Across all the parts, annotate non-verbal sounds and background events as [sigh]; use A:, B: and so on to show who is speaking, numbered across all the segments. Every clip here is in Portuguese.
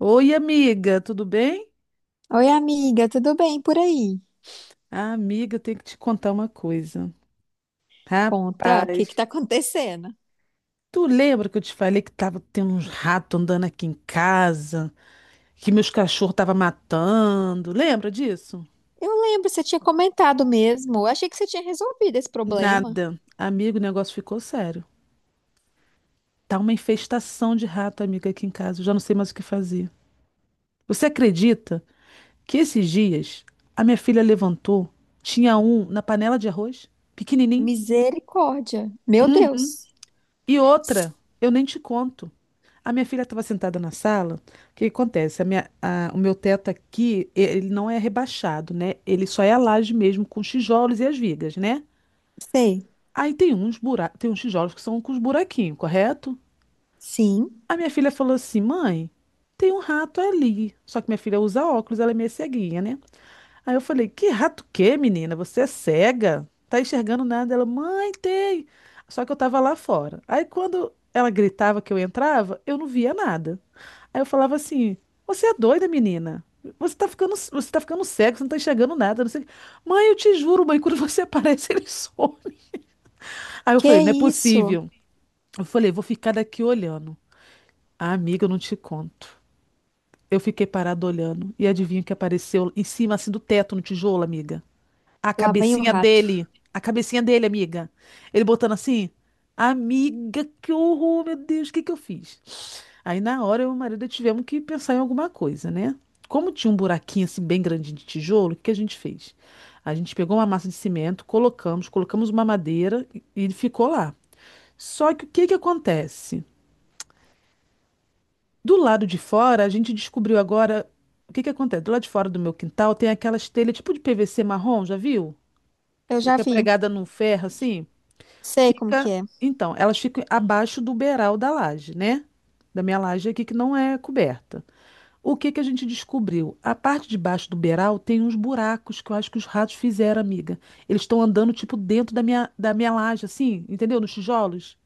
A: Oi, amiga, tudo bem?
B: Oi, amiga, tudo bem por aí?
A: Ah, amiga, eu tenho que te contar uma coisa.
B: Conta, o que que
A: Rapaz,
B: tá [laughs] acontecendo?
A: tu lembra que eu te falei que tava tendo uns ratos andando aqui em casa, que meus cachorros tava matando? Lembra disso?
B: Eu lembro, você tinha comentado mesmo. Eu achei que você tinha resolvido esse problema.
A: Nada. Amigo, o negócio ficou sério. Tá uma infestação de rato, amiga, aqui em casa. Eu já não sei mais o que fazer. Você acredita que esses dias a minha filha levantou, tinha um na panela de arroz, pequenininho?
B: Misericórdia. Meu Deus.
A: E outra, eu nem te conto. A minha filha estava sentada na sala. O que que acontece? O meu teto aqui, ele não é rebaixado, né? Ele só é a laje mesmo com os tijolos e as vigas, né?
B: Sei.
A: Aí tem uns tijolos que são com os buraquinhos, correto?
B: Sim.
A: A minha filha falou assim: "Mãe, tem um rato ali". Só que minha filha usa óculos, ela é meio ceguinha, né? Aí eu falei, que rato que, menina? Você é cega? Tá enxergando nada? Ela, mãe, tem. Só que eu tava lá fora. Aí quando ela gritava que eu entrava, eu não via nada. Aí eu falava assim, você é doida, menina? Você tá ficando cego, você não tá enxergando nada, não sei. O quê." Mãe, eu te juro, mãe, quando você [laughs] aparece, ele some. Aí eu falei,
B: Que
A: não é
B: isso?
A: possível. Eu falei, vou ficar daqui olhando. Ah, amiga, eu não te conto. Eu fiquei parada olhando. E adivinha o que apareceu em cima, assim, do teto, no tijolo, amiga? A
B: Lá vem o
A: cabecinha
B: rato.
A: dele. A cabecinha dele, amiga. Ele botando assim. Amiga, que horror, meu Deus, o que que eu fiz? Aí na hora eu e o marido tivemos que pensar em alguma coisa, né? Como tinha um buraquinho assim bem grande de tijolo, o que que a gente fez? A gente pegou uma massa de cimento, colocamos uma madeira e ele ficou lá. Só que o que que acontece? Do lado de fora, a gente descobriu agora o que que acontece. Do lado de fora do meu quintal tem aquelas telhas tipo de PVC marrom, já viu? Que
B: Eu já
A: fica
B: vi.
A: pregada num ferro assim.
B: Sei como que
A: Fica,
B: é.
A: então, elas ficam abaixo do beiral da laje, né? Da minha laje aqui que não é coberta. O que que a gente descobriu? A parte de baixo do beiral tem uns buracos que eu acho que os ratos fizeram, amiga. Eles estão andando tipo dentro da minha laje assim, entendeu? Nos tijolos.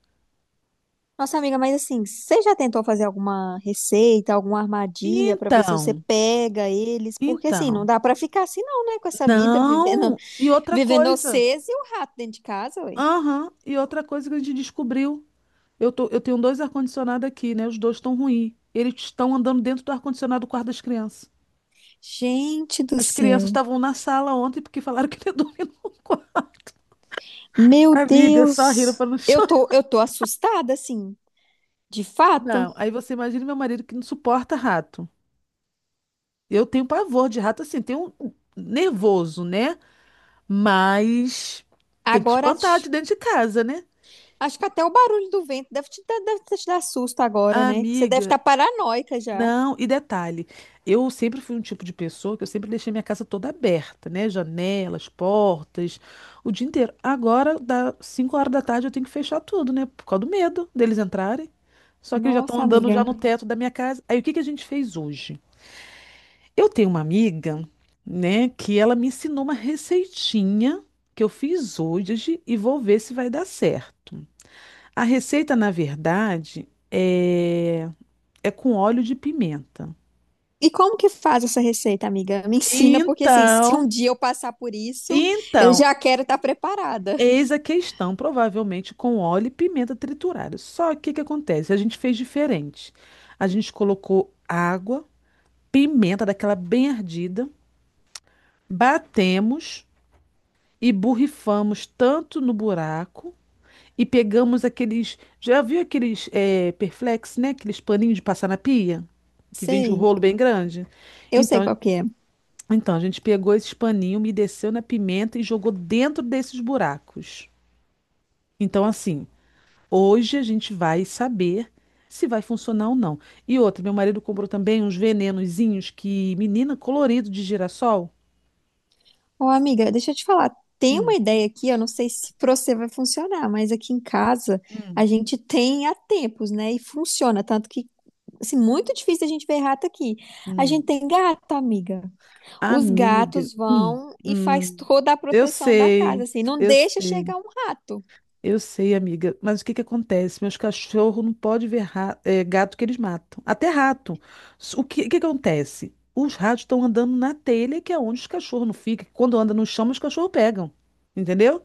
B: Nossa, amiga, mas assim, você já tentou fazer alguma receita, alguma armadilha pra ver se você
A: Então,
B: pega eles? Porque assim, não
A: então,
B: dá pra ficar assim não, né, com essa vida vivendo,
A: não. E
B: [laughs]
A: outra
B: vivendo
A: coisa,
B: vocês e o rato dentro de casa, ué.
A: aham, e outra coisa que a gente descobriu, eu tenho dois ar-condicionado aqui, né? Os dois estão ruins. Eles estão andando dentro do ar-condicionado do quarto das crianças.
B: Gente do
A: As crianças
B: céu.
A: estavam na sala ontem porque falaram que ele [laughs] dormia no quarto.
B: Meu
A: Amiga, só rindo
B: Deus.
A: para não
B: Eu
A: chorar.
B: tô, eu tô assustada, assim, de fato.
A: Não, aí você imagina meu marido que não suporta rato. Eu tenho pavor de rato, assim, tenho um nervoso, né? Mas tem que
B: Agora,
A: espantar
B: acho
A: de dentro de casa, né?
B: acho que até o barulho do vento deve te dar susto agora, né? Você deve
A: Amiga,
B: estar paranoica já.
A: não, e detalhe, eu sempre fui um tipo de pessoa que eu sempre deixei minha casa toda aberta, né? Janelas, portas, o dia inteiro. Agora, dá 5 horas da tarde, eu tenho que fechar tudo, né? Por causa do medo deles entrarem. Só que eles já estão
B: Nossa,
A: andando
B: amiga.
A: já no teto da minha casa. Aí, o que que a gente fez hoje? Eu tenho uma amiga, né, que ela me ensinou uma receitinha que eu fiz hoje e vou ver se vai dar certo. A receita, na verdade, é, é com óleo de pimenta.
B: E como que faz essa receita, amiga? Me ensina, porque assim, se um
A: Então,
B: dia eu passar por isso, eu
A: então,
B: já quero estar preparada.
A: eis a questão, provavelmente com óleo e pimenta triturada. Só que o que que acontece? A gente fez diferente. A gente colocou água, pimenta daquela bem ardida, batemos e borrifamos tanto no buraco e pegamos aqueles, já viu aqueles Perflex, né? Aqueles paninhos de passar na pia, que vende um
B: Sei,
A: rolo bem grande.
B: eu sei
A: Então,
B: qual que é.
A: então, a gente pegou esses paninhos, umedeceu na pimenta e jogou dentro desses buracos. Então, assim, hoje a gente vai saber se vai funcionar ou não. E outra, meu marido comprou também uns venenozinhos que, menina, colorido de girassol.
B: Ô, amiga, deixa eu te falar. Tem uma
A: Hum,
B: ideia aqui, eu não sei se pra você vai funcionar, mas aqui em casa
A: hum,
B: a gente tem há tempos, né? E funciona, tanto que, assim, muito difícil a gente ver rato aqui. A
A: hum.
B: gente tem gato, amiga. Os
A: Amiga,
B: gatos vão e faz
A: hum.
B: toda a
A: Eu
B: proteção da casa,
A: sei,
B: assim, não
A: eu
B: deixa
A: sei,
B: chegar um rato.
A: eu sei, amiga. Mas o que que acontece? Meus cachorros não podem ver gato que eles matam. Até rato. O que que acontece? Os ratos estão andando na telha, que é onde os cachorros não ficam. Quando anda no chão, os cachorros pegam. Entendeu?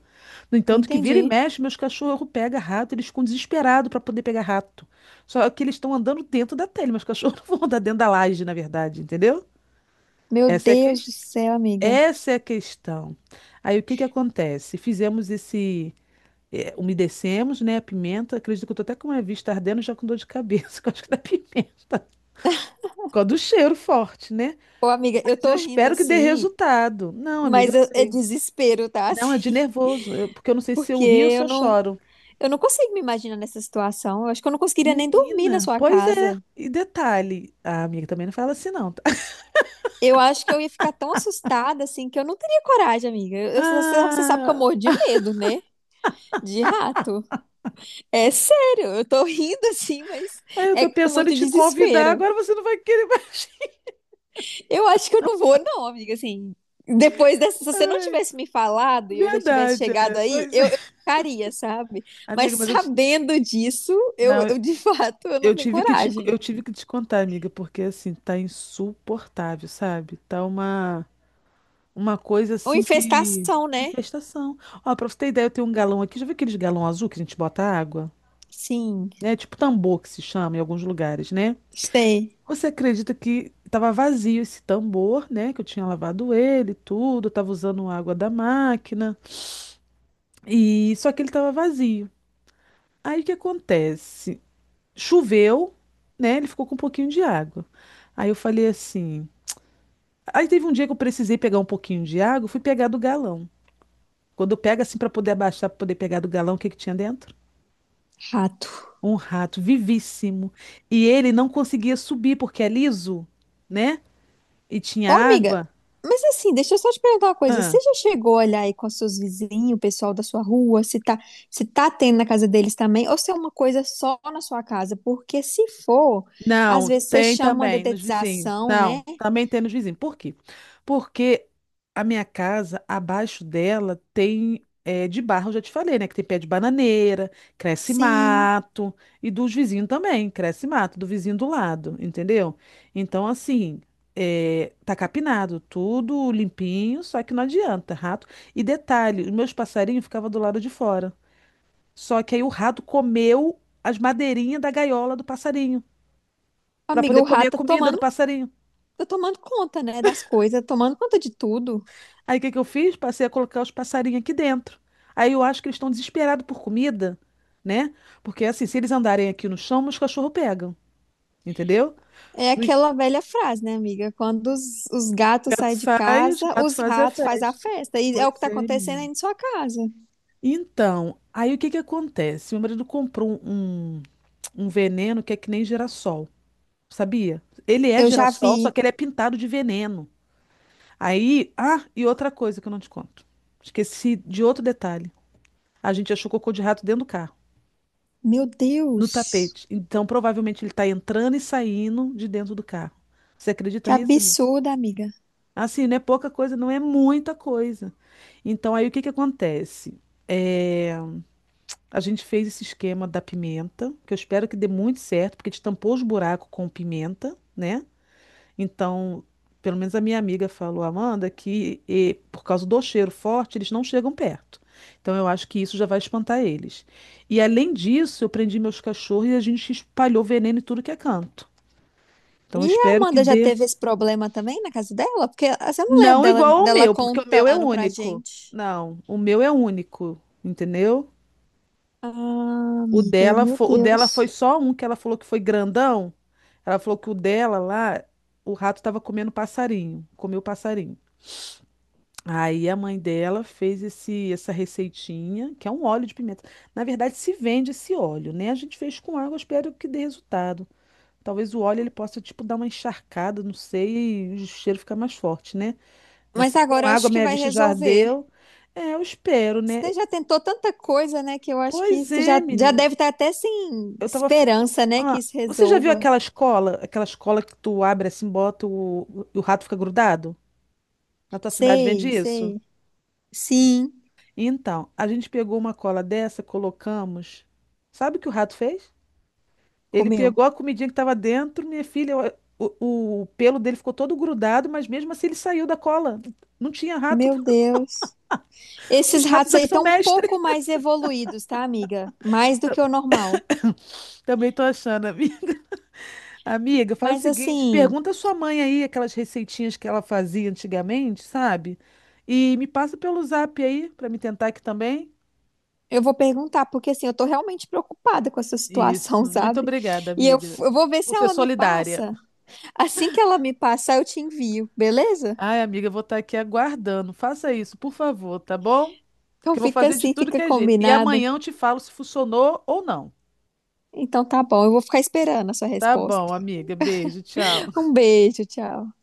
A: No entanto, que vira e
B: Entendi.
A: mexe, meus cachorros pegam rato, eles ficam desesperados para poder pegar rato. Só que eles estão andando dentro da telha, Meus cachorros [laughs] não vão andar dentro da laje, na verdade, entendeu?
B: Meu
A: Essa é a
B: Deus do
A: ques-
B: céu, amiga.
A: Essa é a questão. Aí o que que acontece? Fizemos esse. Umedecemos, né? A pimenta. Acredito que eu tô até com a vista ardendo, já com dor de cabeça, [laughs] que eu acho que da pimenta. Por causa do cheiro forte, né?
B: Ô, amiga, eu
A: Mas eu
B: tô rindo
A: espero que dê
B: assim,
A: resultado. Não, amiga,
B: mas
A: eu
B: é
A: sei.
B: desespero, tá? [laughs]
A: Não, é de
B: Assim,
A: nervoso, eu- porque eu não sei se
B: porque
A: eu rio ou se eu choro.
B: eu não consigo me imaginar nessa situação. Eu acho que eu não conseguiria nem dormir na
A: Menina,
B: sua
A: pois é.
B: casa.
A: E detalhe, a amiga também não fala assim, não. tá? [laughs]
B: Eu acho que eu ia ficar tão assustada assim que eu não teria coragem, amiga. Você sabe que eu
A: Ah,
B: morro de medo, né? De rato. É sério, eu tô [laughs] rindo assim, mas
A: eu
B: é
A: tô
B: com
A: pensando em
B: muito
A: te convidar,
B: desespero.
A: agora você não vai querer mais.
B: Eu acho que eu não vou, não, amiga. Assim, depois dessa, se
A: [laughs]
B: você não
A: Ai,
B: tivesse me falado e eu já tivesse
A: verdade,
B: chegado
A: é.
B: aí,
A: Pois é.
B: eu ficaria, sabe? Mas
A: Amiga, mas
B: sabendo disso,
A: não,
B: de [laughs] fato eu
A: eu
B: não tenho
A: tive que te,
B: coragem.
A: eu tive que te contar, amiga, porque assim, tá insuportável, sabe? Tá uma coisa
B: Uma
A: assim que
B: infestação, né?
A: infestação. Ó, pra você ter ideia, eu tenho um galão aqui, já viu aqueles galão azul que a gente bota água?
B: Sim,
A: É tipo tambor que se chama em alguns lugares, né?
B: sei.
A: Você acredita que estava vazio esse tambor, né? Que eu tinha lavado ele, tudo, estava usando água da máquina e só que ele estava vazio. Aí o que acontece? Choveu, né? Ele ficou com um pouquinho de água. Aí eu falei assim. Aí teve um dia que eu precisei pegar um pouquinho de água, eu fui pegar do galão. Quando eu pego assim para poder abaixar, para poder pegar do galão, o que que tinha dentro?
B: Rato.
A: Um rato vivíssimo. E ele não conseguia subir porque é liso, né? E
B: Ô,
A: tinha
B: amiga,
A: água.
B: mas assim, deixa eu só te perguntar uma coisa.
A: Ah.
B: Você já chegou a olhar aí com os seus vizinhos, o pessoal da sua rua, se tá tendo na casa deles também, ou se é uma coisa só na sua casa? Porque se for, às
A: Não,
B: vezes você
A: tem
B: chama uma
A: também nos vizinhos.
B: detetização,
A: Não,
B: né?
A: também tem nos vizinhos. Por quê? Porque a minha casa, abaixo dela, tem de barro, eu já te falei, né? Que tem pé de bananeira, cresce
B: Sim.
A: mato, e dos vizinhos também, cresce mato, do vizinho do lado, entendeu? Então, assim, tá capinado, tudo limpinho, só que não adianta, rato. E detalhe, os meus passarinhos ficavam do lado de fora. Só que aí o rato comeu as madeirinhas da gaiola do passarinho para
B: Amiga,
A: poder
B: o
A: comer a
B: rato
A: comida do passarinho.
B: tá tomando conta, né, das coisas, tá tomando conta de tudo.
A: Aí o que que eu fiz? Passei a colocar os passarinhos aqui dentro. Aí eu acho que eles estão desesperados por comida, né? Porque assim, se eles andarem aqui no chão, os cachorros pegam, entendeu?
B: É
A: O
B: aquela velha frase, né, amiga? Quando os gatos
A: gato
B: saem de
A: sai, os
B: casa,
A: gatos
B: os
A: fazem a
B: ratos fazem a
A: festa.
B: festa. E é o que
A: Pois
B: tá
A: é,
B: acontecendo aí
A: menino.
B: na sua casa.
A: Então, aí o que que acontece? Meu marido comprou um veneno que é que nem girassol, sabia? Ele é
B: Eu já
A: girassol, só
B: vi.
A: que ele é pintado de veneno. Aí, ah, e outra coisa que eu não te conto. Esqueci de outro detalhe. A gente achou cocô de rato dentro do carro,
B: Meu
A: no
B: Deus,
A: tapete. Então, provavelmente ele está entrando e saindo de dentro do carro. Você acredita
B: que
A: nisso, amiga?
B: absurdo, amiga.
A: Assim, não é pouca coisa, não é muita coisa. Então, aí o que que acontece? É, a gente fez esse esquema da pimenta, que eu espero que dê muito certo, porque a gente tampou os buracos com pimenta, né? Então, pelo menos a minha amiga falou, Amanda, que por causa do cheiro forte, eles não chegam perto. Então, eu acho que isso já vai espantar eles. E além disso, eu prendi meus cachorros e a gente espalhou veneno em tudo que é canto. Então,
B: E
A: eu
B: a
A: espero que
B: Amanda já
A: dê.
B: teve esse problema também na casa dela? Porque assim, eu não lembro
A: Não igual ao
B: dela
A: meu, porque o meu é
B: contando pra
A: único.
B: gente.
A: Não, o meu é único, entendeu?
B: Ah,
A: O
B: amiga,
A: dela,
B: meu
A: o dela foi
B: Deus.
A: só um que ela falou que foi grandão. Ela falou que o dela lá, o rato estava comendo passarinho, comeu passarinho. Aí a mãe dela fez essa receitinha, que é um óleo de pimenta. Na verdade, se vende esse óleo, né? A gente fez com água, espero que dê resultado. Talvez o óleo ele possa, tipo, dar uma encharcada, não sei, e o cheiro ficar mais forte, né? Mas
B: Mas
A: se com
B: agora eu
A: água
B: acho que
A: minha
B: vai
A: vista já
B: resolver.
A: ardeu, é, eu espero, né?
B: Você já tentou tanta coisa, né, que eu acho que
A: Pois é,
B: já
A: menina.
B: deve estar até sem
A: Eu tava.
B: esperança, né, que isso
A: Você já viu
B: resolva.
A: aquela escola? Aquela escola que tu abre assim, bota o, e o rato fica grudado? Na tua cidade vende
B: Sei,
A: isso?
B: sei. Sim,
A: Então, a gente pegou uma cola dessa, colocamos. Sabe o que o rato fez? Ele pegou
B: comeu.
A: a comidinha que estava dentro, minha filha, o pelo dele ficou todo grudado, mas mesmo assim ele saiu da cola. Não tinha rato.
B: Meu Deus.
A: [laughs] Os
B: Esses
A: ratos
B: ratos aí
A: aqui são
B: estão um
A: mestres.
B: pouco mais evoluídos, tá, amiga? Mais do que o
A: [laughs]
B: normal.
A: Também tô achando, amiga. Amiga, faz o
B: Mas
A: seguinte,
B: assim,
A: pergunta à sua mãe aí aquelas receitinhas que ela fazia antigamente, sabe? E me passa pelo zap aí para me tentar aqui também.
B: eu vou perguntar, porque assim, eu tô realmente preocupada com essa situação, [laughs]
A: Isso. Muito
B: sabe?
A: obrigada,
B: E
A: amiga,
B: eu vou ver
A: por
B: se
A: ser
B: ela me
A: solidária.
B: passa. Assim que ela me passar, eu te envio, beleza?
A: Ai, amiga, eu vou estar aqui aguardando. Faça isso, por favor, tá bom?
B: Então
A: Que eu vou
B: fica
A: fazer de
B: assim,
A: tudo
B: fica
A: que é jeito. E
B: combinado.
A: amanhã eu te falo se funcionou ou não.
B: Então tá bom, eu vou ficar esperando a sua
A: Tá bom,
B: resposta.
A: amiga. Beijo, tchau.
B: Um beijo, tchau.